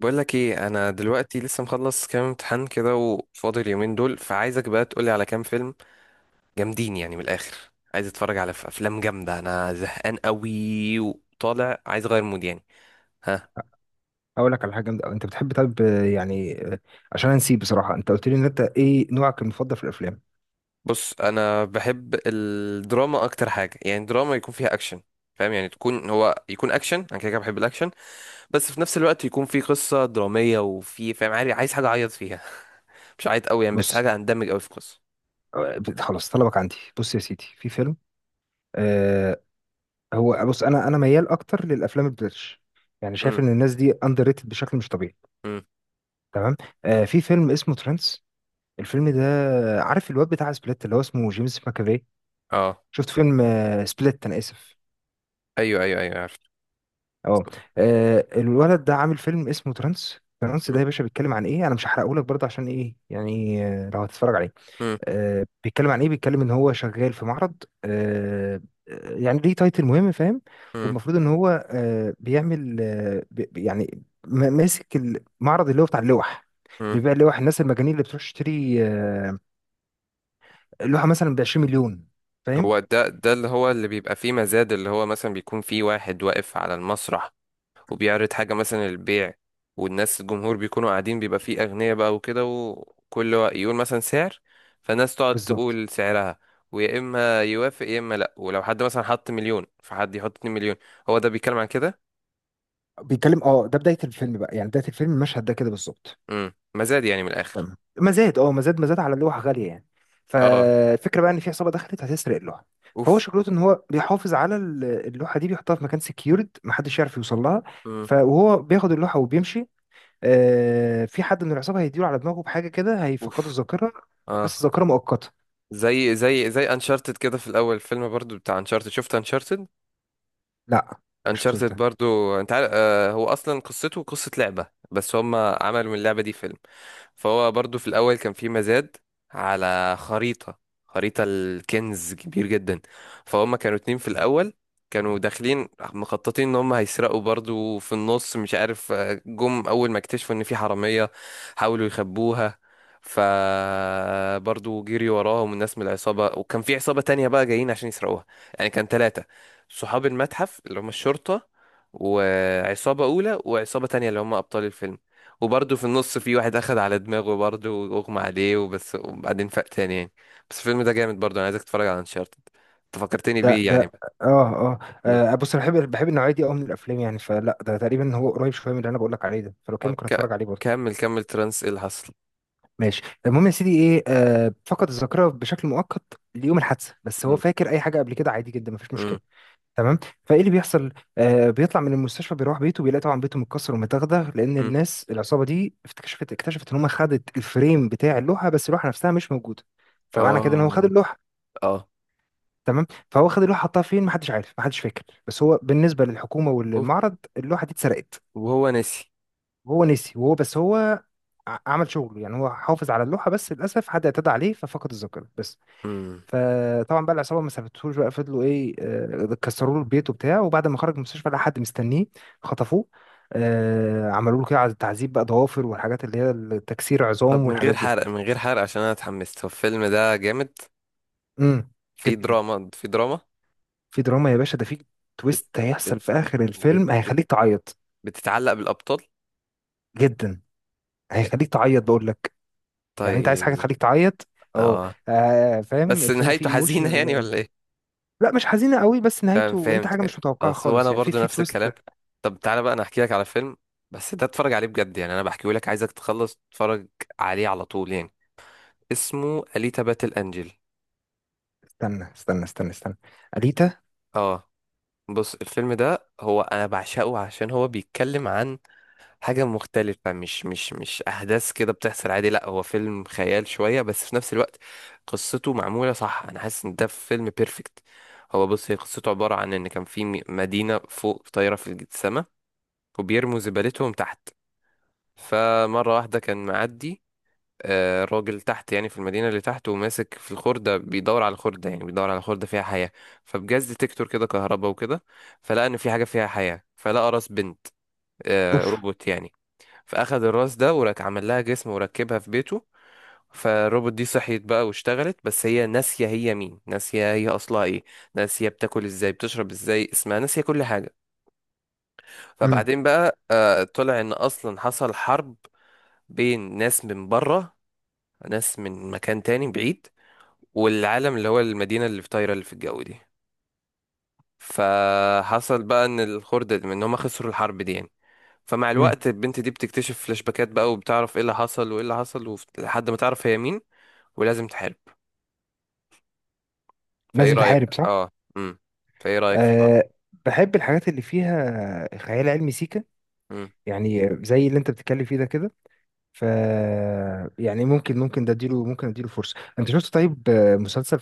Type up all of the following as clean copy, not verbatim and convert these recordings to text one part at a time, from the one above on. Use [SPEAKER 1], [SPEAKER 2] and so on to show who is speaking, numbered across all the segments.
[SPEAKER 1] بقول لك ايه، انا دلوقتي لسه مخلص كام امتحان كده وفاضل اليومين دول، فعايزك بقى تقولي على كام فيلم جامدين يعني من الاخر. عايز اتفرج على افلام جامده. انا زهقان قوي وطالع عايز اغير مود يعني. ها.
[SPEAKER 2] اقول لك على حاجه جامده أوي. انت بتحب طب؟ يعني عشان نسيب بصراحه، انت قلت لي ان انت ايه نوعك المفضل في الافلام؟
[SPEAKER 1] بص، انا بحب الدراما اكتر حاجه، يعني دراما يكون فيها اكشن. فاهم يعني تكون هو يكون اكشن، انا كده كده بحب الاكشن. بس في نفس الوقت يكون في قصه دراميه وفي، فاهم، عايز حاجه اعيط فيها مش عيط قوي يعني، بس
[SPEAKER 2] بص،
[SPEAKER 1] حاجه اندمج قوي في قصه.
[SPEAKER 2] خلاص طلبك عندي. بص يا سيدي، في فيلم آه هو، بص، انا ميال اكتر للافلام البريتش. يعني شايف
[SPEAKER 1] امم.
[SPEAKER 2] ان الناس دي اندر ريتد بشكل مش طبيعي.
[SPEAKER 1] امم.
[SPEAKER 2] تمام. في فيلم اسمه ترانس، الفيلم ده. عارف الواد بتاع سبليت اللي هو اسمه جيمس ماكافي؟
[SPEAKER 1] اه.
[SPEAKER 2] شفت فيلم سبليت، انا اسف.
[SPEAKER 1] ايوه ايوه ايوه، عارف.
[SPEAKER 2] اه، الولد ده عامل فيلم اسمه ترانس. ترانس ده يا باشا بيتكلم عن ايه؟ انا مش هحرقه لك برضه، عشان ايه يعني لو هتتفرج عليه. بيتكلم عن ايه؟ بيتكلم ان هو شغال في معرض، يعني ليه تايتل مهم، فاهم.
[SPEAKER 1] مم.
[SPEAKER 2] والمفروض ان هو بيعمل ماسك المعرض اللي هو بتاع اللوح،
[SPEAKER 1] مم.
[SPEAKER 2] اللي بيبيع اللوح. الناس المجانين اللي بتروح تشتري اللوحه مثلا ب 20 مليون، فاهم.
[SPEAKER 1] هو ده اللي هو اللي بيبقى فيه مزاد، اللي هو مثلا بيكون فيه واحد واقف على المسرح وبيعرض حاجة مثلا للبيع، والناس الجمهور بيكونوا قاعدين، بيبقى فيه أغنياء بقى وكده، يقول مثلا سعر، فالناس تقعد
[SPEAKER 2] بالظبط.
[SPEAKER 1] تقول سعرها، ويا إما يوافق يا إما لأ. ولو حد مثلا حط مليون، فحد يحط اتنين مليون. هو ده بيتكلم عن كده.
[SPEAKER 2] بيتكلم، اه، ده بدايه الفيلم بقى، يعني بدايه الفيلم المشهد ده كده بالظبط.
[SPEAKER 1] مم. مزاد يعني من الآخر.
[SPEAKER 2] تمام، مزاد. اه، مزاد، مزاد على لوحة غالية يعني.
[SPEAKER 1] اه.
[SPEAKER 2] فالفكرة بقى ان في عصابة دخلت هتسرق اللوحة. فهو
[SPEAKER 1] اوف.
[SPEAKER 2] شغلته ان هو بيحافظ على اللوحة دي، بيحطها في مكان سكيورد محدش يعرف يوصل لها.
[SPEAKER 1] مم.
[SPEAKER 2] فهو بياخد اللوحة وبيمشي. في حد من العصابة هيديله على دماغه بحاجة كده، هيفقده
[SPEAKER 1] اوف.
[SPEAKER 2] الذاكرة،
[SPEAKER 1] اه.
[SPEAKER 2] بس ذاكرة مؤقتة.
[SPEAKER 1] زي زي انشارتد كده. في الأول فيلم برضو بتاع انشارتد، شفت انشارتد؟
[SPEAKER 2] لا، مش شفتوش
[SPEAKER 1] انشارتد
[SPEAKER 2] ده.
[SPEAKER 1] برضو، انت عارف، هو اصلا قصته قصة لعبة، بس هم عملوا من اللعبة دي فيلم. فهو برضو في الأول كان في مزاد على خريطة، خريطة الكنز كبير جدا. فهم كانوا اتنين في الأول، كانوا داخلين مخططين ان هم هيسرقوا. برضو في النص، مش عارف، جم اول ما اكتشفوا ان في حرامية، حاولوا يخبوها. فبرضو جري وراهم الناس من العصابة، وكان في عصابة تانية بقى جايين عشان يسرقوها. يعني كان ثلاثة: صحاب المتحف اللي هم الشرطة، وعصابة أولى، وعصابة تانية اللي هم أبطال الفيلم. وبرضه في النص في واحد اخد على دماغه برضه واغمى عليه وبس، وبعدين فاق تاني يعني. بس الفيلم ده جامد برضه، انا عايزك تتفرج على انشارتد. انت فكرتني
[SPEAKER 2] ده
[SPEAKER 1] بيه يعني
[SPEAKER 2] ده
[SPEAKER 1] بقى.
[SPEAKER 2] اه، اه،
[SPEAKER 1] مم.
[SPEAKER 2] بص انا بحب النوعية دي قوي من الافلام يعني. فلا، ده تقريبا هو قريب شوية من اللي انا بقول لك عليه ده، فلو كده
[SPEAKER 1] طب
[SPEAKER 2] ممكن اتفرج عليه برضه.
[SPEAKER 1] كمل كمل ترانس، ايه اللي حصل؟
[SPEAKER 2] ماشي، المهم يا سيدي ايه، فقد الذاكره بشكل مؤقت ليوم الحادثه، بس هو
[SPEAKER 1] مم.
[SPEAKER 2] فاكر اي حاجه قبل كده عادي جدا، مفيش
[SPEAKER 1] مم.
[SPEAKER 2] مشكله. تمام. فايه اللي بيحصل؟ بيطلع من المستشفى، بيروح بيته، بيلاقي طبعا بيته متكسر ومتغدغ، لان
[SPEAKER 1] مم.
[SPEAKER 2] الناس العصابه دي اكتشفت ان هم خدت الفريم بتاع اللوحه بس اللوحه نفسها مش موجوده. فمعنى كده ان هو خد
[SPEAKER 1] اه.
[SPEAKER 2] اللوحه.
[SPEAKER 1] اه.
[SPEAKER 2] تمام. فهو خد اللوحه، حطها فين محدش عارف، محدش فاكر، بس هو بالنسبه للحكومه
[SPEAKER 1] اوف.
[SPEAKER 2] وللمعرض اللوحه دي اتسرقت.
[SPEAKER 1] وهو نسي.
[SPEAKER 2] وهو نسي. وهو، بس هو عمل شغله يعني. هو حافظ على اللوحة، بس للأسف حد اعتدى عليه ففقد الذاكرة بس.
[SPEAKER 1] مم.
[SPEAKER 2] فطبعا بقى العصابه ما سابتهوش، بقى فضلوا ايه، كسروا له البيت وبتاع. وبعد ما خرج من المستشفى لقى حد مستنيه، خطفوه. عملوا له كده تعذيب بقى، ضوافر والحاجات اللي هي التكسير
[SPEAKER 1] طب
[SPEAKER 2] عظام
[SPEAKER 1] من غير
[SPEAKER 2] والحاجات دي.
[SPEAKER 1] حرق، من غير حرق، عشان انا اتحمست. هو الفيلم ده جامد؟
[SPEAKER 2] امم
[SPEAKER 1] في
[SPEAKER 2] جدا.
[SPEAKER 1] دراما في دراما؟
[SPEAKER 2] في دراما يا باشا، ده في
[SPEAKER 1] بت...
[SPEAKER 2] تويست هيحصل
[SPEAKER 1] بت...
[SPEAKER 2] في اخر
[SPEAKER 1] بت...
[SPEAKER 2] الفيلم،
[SPEAKER 1] بت...
[SPEAKER 2] هيخليك تعيط.
[SPEAKER 1] بتتعلق بالابطال.
[SPEAKER 2] جدا. هيخليك تعيط، بقول لك. يعني انت عايز حاجه
[SPEAKER 1] طيب.
[SPEAKER 2] تخليك تعيط. اه.
[SPEAKER 1] اه.
[SPEAKER 2] فاهم،
[SPEAKER 1] بس
[SPEAKER 2] الفيلم فيه
[SPEAKER 1] نهايته حزينة يعني
[SPEAKER 2] ايموشنال.
[SPEAKER 1] ولا ايه؟
[SPEAKER 2] لا، مش حزينه قوي، بس
[SPEAKER 1] تمام
[SPEAKER 2] نهايته انت
[SPEAKER 1] فهمت
[SPEAKER 2] حاجه
[SPEAKER 1] فهمت
[SPEAKER 2] مش متوقعه
[SPEAKER 1] خلاص، هو
[SPEAKER 2] خالص
[SPEAKER 1] انا
[SPEAKER 2] يعني، في
[SPEAKER 1] برضو
[SPEAKER 2] في
[SPEAKER 1] نفس
[SPEAKER 2] تويست.
[SPEAKER 1] الكلام. طب تعالى بقى انا احكي لك على فيلم، بس ده اتفرج عليه بجد يعني. انا بحكيه لك عايزك تخلص تتفرج عليه على طول يعني. اسمه أليتا باتل انجل.
[SPEAKER 2] استنى استنى استنى استنى، أليتا.
[SPEAKER 1] اه. بص الفيلم ده هو انا بعشقه، عشان هو بيتكلم عن حاجة مختلفة، مش احداث كده بتحصل عادي. لا هو فيلم خيال شوية، بس في نفس الوقت قصته معمولة صح. انا حاسس ان ده فيلم بيرفكت. هو بص، هي قصته عبارة عن ان كان في مدينة فوق طايرة في السماء، وبيرموا زبالتهم تحت. فمرة واحدة كان معدي راجل تحت يعني في المدينة اللي تحت، وماسك في الخردة بيدور على الخردة، يعني بيدور على خردة فيها حياة. فبجاز ديتكتور كده كهرباء وكده. فلقى إن في حاجة فيها حياة، فلقى راس بنت،
[SPEAKER 2] اوف.
[SPEAKER 1] روبوت يعني. فأخد الراس ده وراك عمل لها جسم وركبها في بيته. فالروبوت دي صحيت بقى واشتغلت، بس هي ناسية هي مين، ناسية هي أصلها إيه، ناسية بتاكل إزاي بتشرب إزاي، اسمها ناسية كل حاجة.
[SPEAKER 2] امم.
[SPEAKER 1] فبعدين بقى طلع ان اصلا حصل حرب بين ناس من بره، ناس من مكان تاني بعيد، والعالم اللي هو المدينة اللي في طايرة اللي في الجو دي. فحصل بقى ان ان هم خسروا الحرب دي يعني. فمع
[SPEAKER 2] امم.
[SPEAKER 1] الوقت البنت دي بتكتشف فلاش باكات بقى، وبتعرف ايه اللي حصل وايه اللي حصل، لحد ما تعرف هي مين ولازم تحارب. فايه
[SPEAKER 2] لازم
[SPEAKER 1] رأيك؟
[SPEAKER 2] تحارب، صح.
[SPEAKER 1] اه. امم. فايه رأيك في الحوار؟
[SPEAKER 2] أه، بحب الحاجات اللي فيها خيال علمي سيكا،
[SPEAKER 1] امم.
[SPEAKER 2] يعني زي اللي انت بتتكلم فيه ده كده. ف، يعني ممكن ده اديله، ممكن اديله فرصه. انت شفت طيب مسلسل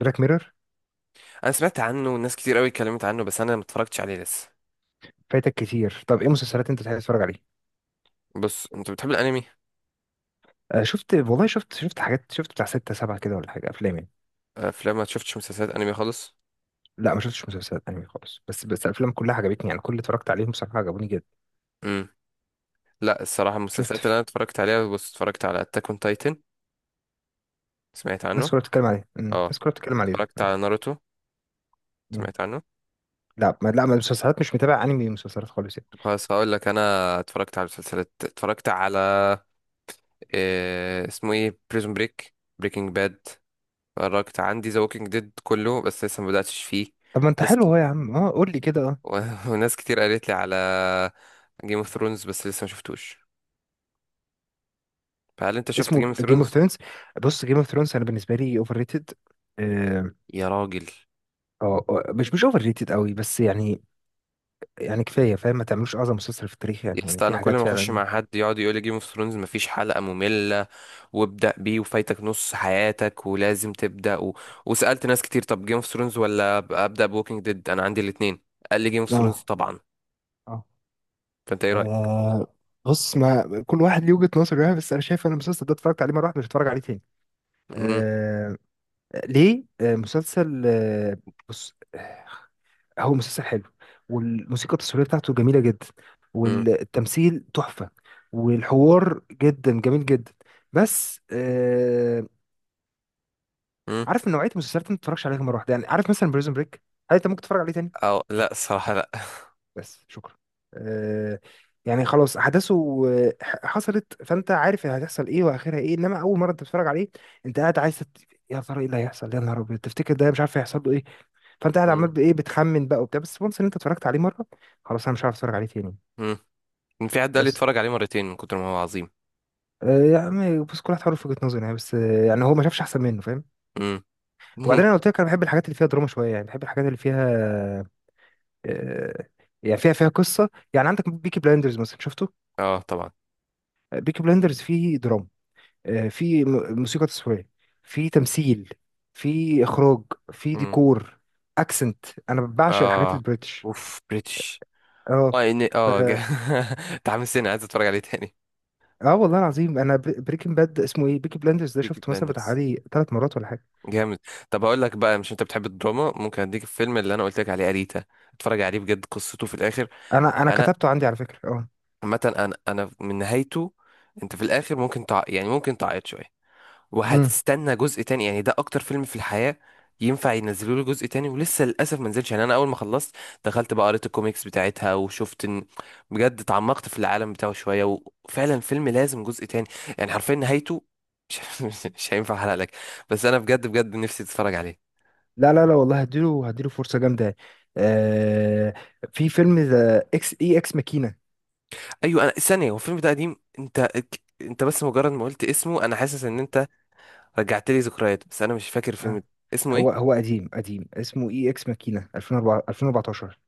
[SPEAKER 2] بلاك ميرور؟
[SPEAKER 1] انا سمعت عنه والناس كتير قوي اتكلمت عنه، بس انا ما اتفرجتش عليه لسه.
[SPEAKER 2] فايتك كتير. طب ايه مسلسلات انت تحب تتفرج عليها؟
[SPEAKER 1] بص، انت بتحب الانمي؟
[SPEAKER 2] أه، شفت والله، شفت حاجات، شفت بتاع ستة سبعة كده ولا حاجه، افلام يعني.
[SPEAKER 1] افلام ما شفتش مسلسلات انمي خالص.
[SPEAKER 2] لا ما شفتش مسلسلات انمي خالص، بس الافلام كلها عجبتني يعني، كل اللي اتفرجت عليهم بصراحه عجبوني جدا.
[SPEAKER 1] امم. لا الصراحة
[SPEAKER 2] شفت
[SPEAKER 1] المسلسلات اللي أنا
[SPEAKER 2] ف-
[SPEAKER 1] اتفرجت عليها، بص اتفرجت على أتاك أون تايتن، سمعت عنه؟
[SPEAKER 2] ناس كلها بتتكلم عليه. مم.
[SPEAKER 1] اه.
[SPEAKER 2] ناس كلها بتتكلم عليه ده.
[SPEAKER 1] اتفرجت على ناروتو،
[SPEAKER 2] مم.
[SPEAKER 1] سمعت عنه؟
[SPEAKER 2] لا ما المسلسلات، مش متابع انمي مسلسلات خالص يعني.
[SPEAKER 1] طب خلاص هقول لك أنا. اتفرجت على مسلسلات، اتفرجت على إيه اسمه ايه، بريزون بريك، بريكنج باد. اتفرجت عندي ذا ووكينج ديد كله بس لسه ما بدأتش فيه.
[SPEAKER 2] طب ما انت
[SPEAKER 1] ناس ك...
[SPEAKER 2] حلو اهو يا عم، اه، قول لي كده، اه.
[SPEAKER 1] و... وناس كتير قالت لي على جيم اوف ثرونز، بس لسه ما شفتوش. فهل انت شفت
[SPEAKER 2] اسمه
[SPEAKER 1] جيم اوف
[SPEAKER 2] جيم اوف
[SPEAKER 1] ثرونز؟
[SPEAKER 2] ثرونز؟ بص، جيم اوف ثرونز انا بالنسبه لي اوفر ريتد. اه.
[SPEAKER 1] يا راجل.
[SPEAKER 2] مش اوفر ريتد قوي، بس يعني، يعني كفايه فاهم، ما تعملوش اعظم مسلسل في التاريخ يعني،
[SPEAKER 1] يا
[SPEAKER 2] يعني
[SPEAKER 1] اسطى،
[SPEAKER 2] في
[SPEAKER 1] انا كل
[SPEAKER 2] حاجات
[SPEAKER 1] ما اخش
[SPEAKER 2] فعلا.
[SPEAKER 1] مع حد يقعد يقول لي جيم اوف ثرونز مفيش حلقة مملة، وابدأ بيه وفايتك نص حياتك ولازم تبدأ وسألت ناس كتير، طب جيم اوف ثرونز ولا أبدأ بوكينج ديد؟ أنا عندي الاتنين، قال لي جيم اوف ثرونز
[SPEAKER 2] اه،
[SPEAKER 1] طبعا.
[SPEAKER 2] اه،
[SPEAKER 1] فأنت إيه رأيك؟
[SPEAKER 2] آه، بص، ما كل واحد ليه وجهه نظر يعني، بس انا شايف ان المسلسل ده اتفرجت عليه مره واحده، مش هتفرج عليه تاني.
[SPEAKER 1] مم.
[SPEAKER 2] آه ليه؟ مسلسل، بص، هو مسلسل حلو، والموسيقى التصويريه بتاعته جميله جدا،
[SPEAKER 1] مم.
[SPEAKER 2] والتمثيل تحفه، والحوار جدا جميل جدا. بس
[SPEAKER 1] مم.
[SPEAKER 2] عارف، من نوعيه المسلسلات اللي ما تتفرجش عليها مره واحده يعني، عارف مثلا بريزون بريك، هل انت ممكن تتفرج عليه تاني؟
[SPEAKER 1] أو لا، الصراحة لا.
[SPEAKER 2] بس شكرا. آه يعني خلاص احداثه حصلت، فانت عارف هتحصل ايه واخرها ايه. انما اول مره انت بتتفرج عليه، انت قاعد عايز يا ترى ايه اللي هيحصل؟ يا نهار ابيض تفتكر ده، مش عارف هيحصل له ايه. فانت قاعد عمال
[SPEAKER 1] مم.
[SPEAKER 2] بايه، بتخمن بقى وبتاع. بس وانس ان انت اتفرجت عليه مره، خلاص انا مش عارف اتفرج عليه تاني.
[SPEAKER 1] مم. في حد قال لي
[SPEAKER 2] بس
[SPEAKER 1] اتفرج عليه مرتين من كتر ما هو عظيم.
[SPEAKER 2] يعني بس كل واحد حر في وجهة نظره يعني، بس يعني هو ما شافش احسن منه، فاهم.
[SPEAKER 1] مم.
[SPEAKER 2] وبعدين
[SPEAKER 1] ممكن.
[SPEAKER 2] انا قلت لك انا بحب الحاجات اللي فيها دراما شويه يعني، بحب الحاجات اللي فيها آه، يعني فيها قصه، يعني عندك بيكي بلايندرز مثلا، شفته؟
[SPEAKER 1] اه طبعا.
[SPEAKER 2] بيكي بلايندرز فيه دراما، فيه موسيقى تصويريه، فيه تمثيل، فيه اخراج، فيه
[SPEAKER 1] مم.
[SPEAKER 2] ديكور، اكسنت. انا بعشق الحاجات
[SPEAKER 1] اه.
[SPEAKER 2] البريتش.
[SPEAKER 1] اوف بريتش.
[SPEAKER 2] اه.
[SPEAKER 1] اه.
[SPEAKER 2] ف،
[SPEAKER 1] متحمس تاني، عايز اتفرج عليه تاني.
[SPEAKER 2] اه والله العظيم، انا بريكنج باد، اسمه ايه، بيكي بلاندرز ده،
[SPEAKER 1] بيكي
[SPEAKER 2] شفته مثلا بتاع
[SPEAKER 1] بلايندرز
[SPEAKER 2] حوالي 3 مرات ولا حاجه.
[SPEAKER 1] جامد. طب هقول لك بقى، مش انت بتحب الدراما، ممكن اديك الفيلم اللي انا قلت لك عليه، اريتا، اتفرج عليه بجد قصته في الاخر.
[SPEAKER 2] انا انا
[SPEAKER 1] انا
[SPEAKER 2] كتبته عندي على فكره.
[SPEAKER 1] عامه انا من نهايته. انت في الاخر ممكن يعني ممكن تعيط شويه،
[SPEAKER 2] اه،
[SPEAKER 1] وهتستنى جزء تاني يعني. ده اكتر فيلم في الحياه ينفع ينزلوا له جزء تاني ولسه للاسف ما نزلش يعني. انا اول ما خلصت دخلت بقى قريت الكوميكس بتاعتها، وشفت ان بجد اتعمقت في العالم بتاعه شويه، وفعلا فيلم لازم جزء تاني. يعني حرفيا نهايته مش مش هينفع احرق لك، بس انا بجد بجد نفسي تتفرج عليه.
[SPEAKER 2] لا لا لا والله، هديله فرصة جامدة يعني. آه في فيلم ذا اكس اي اكس ماكينة.
[SPEAKER 1] ايوه، انا ثانيه. هو الفيلم ده قديم؟ انت انت بس مجرد ما قلت اسمه انا حاسس ان انت رجعت لي ذكريات، بس انا مش فاكر الفيلم
[SPEAKER 2] آه
[SPEAKER 1] ده. اسمه
[SPEAKER 2] هو
[SPEAKER 1] ايه؟
[SPEAKER 2] هو قديم قديم، اسمه اي اكس ماكينة 2004 2014.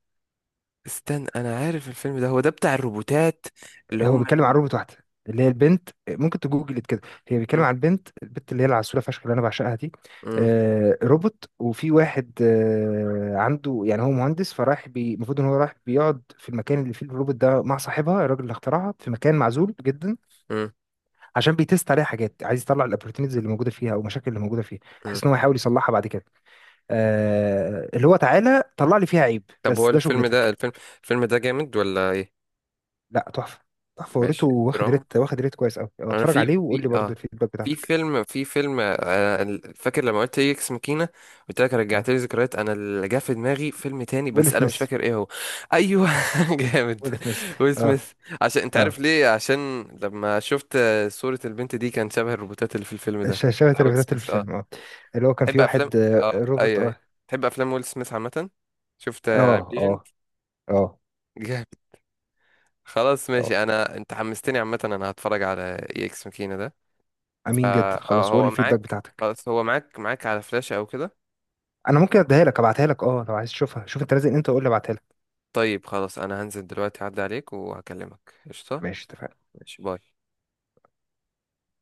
[SPEAKER 1] استنى، انا عارف الفيلم ده، هو ده بتاع الروبوتات اللي
[SPEAKER 2] هو
[SPEAKER 1] هم.
[SPEAKER 2] بيتكلم عن روبوت واحدة، اللي هي البنت، ممكن تجوجل كده. هي بيتكلم
[SPEAKER 1] م-
[SPEAKER 2] عن البنت، البنت اللي هي العسولة فشخ اللي انا بعشقها دي.
[SPEAKER 1] م-
[SPEAKER 2] روبوت، وفي واحد عنده، يعني هو مهندس، فراح المفروض ان هو راح بيقعد في المكان اللي فيه الروبوت ده مع صاحبها الراجل اللي اخترعها في مكان معزول جدا.
[SPEAKER 1] م-
[SPEAKER 2] عشان بيتست عليها حاجات، عايز يطلع الاوبورتونيتيز اللي موجوده فيها او المشاكل اللي موجوده فيها،
[SPEAKER 1] م.
[SPEAKER 2] بحيث ان هو يحاول يصلحها بعد كده. اللي هو تعالى طلع لي فيها عيب،
[SPEAKER 1] طب
[SPEAKER 2] بس
[SPEAKER 1] هو
[SPEAKER 2] ده
[SPEAKER 1] الفيلم ده،
[SPEAKER 2] شغلتك.
[SPEAKER 1] الفيلم ده جامد ولا ايه؟
[SPEAKER 2] لا، تحفه. تحفه، وريته
[SPEAKER 1] ماشي.
[SPEAKER 2] واخد
[SPEAKER 1] دراما.
[SPEAKER 2] ريت واخد ريت كويس قوي.
[SPEAKER 1] انا
[SPEAKER 2] اتفرج
[SPEAKER 1] في
[SPEAKER 2] عليه وقول
[SPEAKER 1] في
[SPEAKER 2] لي برضه
[SPEAKER 1] اه
[SPEAKER 2] الفيدباك
[SPEAKER 1] في
[SPEAKER 2] بتاعتك.
[SPEAKER 1] فيلم، فاكر لما قلت ايه اكس ماكينه، قلت لك رجعت
[SPEAKER 2] اه.
[SPEAKER 1] لي ذكريات، انا اللي جه في دماغي فيلم تاني
[SPEAKER 2] ويل
[SPEAKER 1] بس انا مش
[SPEAKER 2] سميث.
[SPEAKER 1] فاكر ايه هو. ايوه. جامد.
[SPEAKER 2] ويل سميث.
[SPEAKER 1] ويل
[SPEAKER 2] اه.
[SPEAKER 1] سميث. عشان انت
[SPEAKER 2] اه.
[SPEAKER 1] عارف ليه، عشان لما شفت صوره البنت دي كان شبه الروبوتات اللي في الفيلم ده
[SPEAKER 2] شاشة
[SPEAKER 1] بتاع ويل
[SPEAKER 2] الريفيوهات
[SPEAKER 1] سميث. اه.
[SPEAKER 2] الفيلم. اه، اللي هو كان
[SPEAKER 1] تحب
[SPEAKER 2] في
[SPEAKER 1] افلام؟
[SPEAKER 2] واحد،
[SPEAKER 1] اه
[SPEAKER 2] روبوت.
[SPEAKER 1] ايوه ايوه.
[SPEAKER 2] اه.
[SPEAKER 1] تحب افلام ويل سميث عامه؟ شفت
[SPEAKER 2] اه.
[SPEAKER 1] ليجند؟
[SPEAKER 2] اه. اه.
[SPEAKER 1] جامد. خلاص
[SPEAKER 2] اه.
[SPEAKER 1] ماشي، انا انت حمستني، عامه انا هتفرج على اي اكس ماكينه ده.
[SPEAKER 2] امين جدا.
[SPEAKER 1] اه.
[SPEAKER 2] خلاص، وقول لي
[SPEAKER 1] هو
[SPEAKER 2] الفيدباك
[SPEAKER 1] معاك؟
[SPEAKER 2] بتاعتك.
[SPEAKER 1] خلاص هو معاك، معاك على فلاشة او كده؟
[SPEAKER 2] انا ممكن اديها لك، ابعتها لك، اه، لو عايز تشوفها شوف انت. لازم انت، وقول لي ابعتها لك.
[SPEAKER 1] طيب خلاص انا هنزل دلوقتي اعدي عليك وهكلمك، قشطة.
[SPEAKER 2] ماشي، اتفقنا.
[SPEAKER 1] ماشي، باي.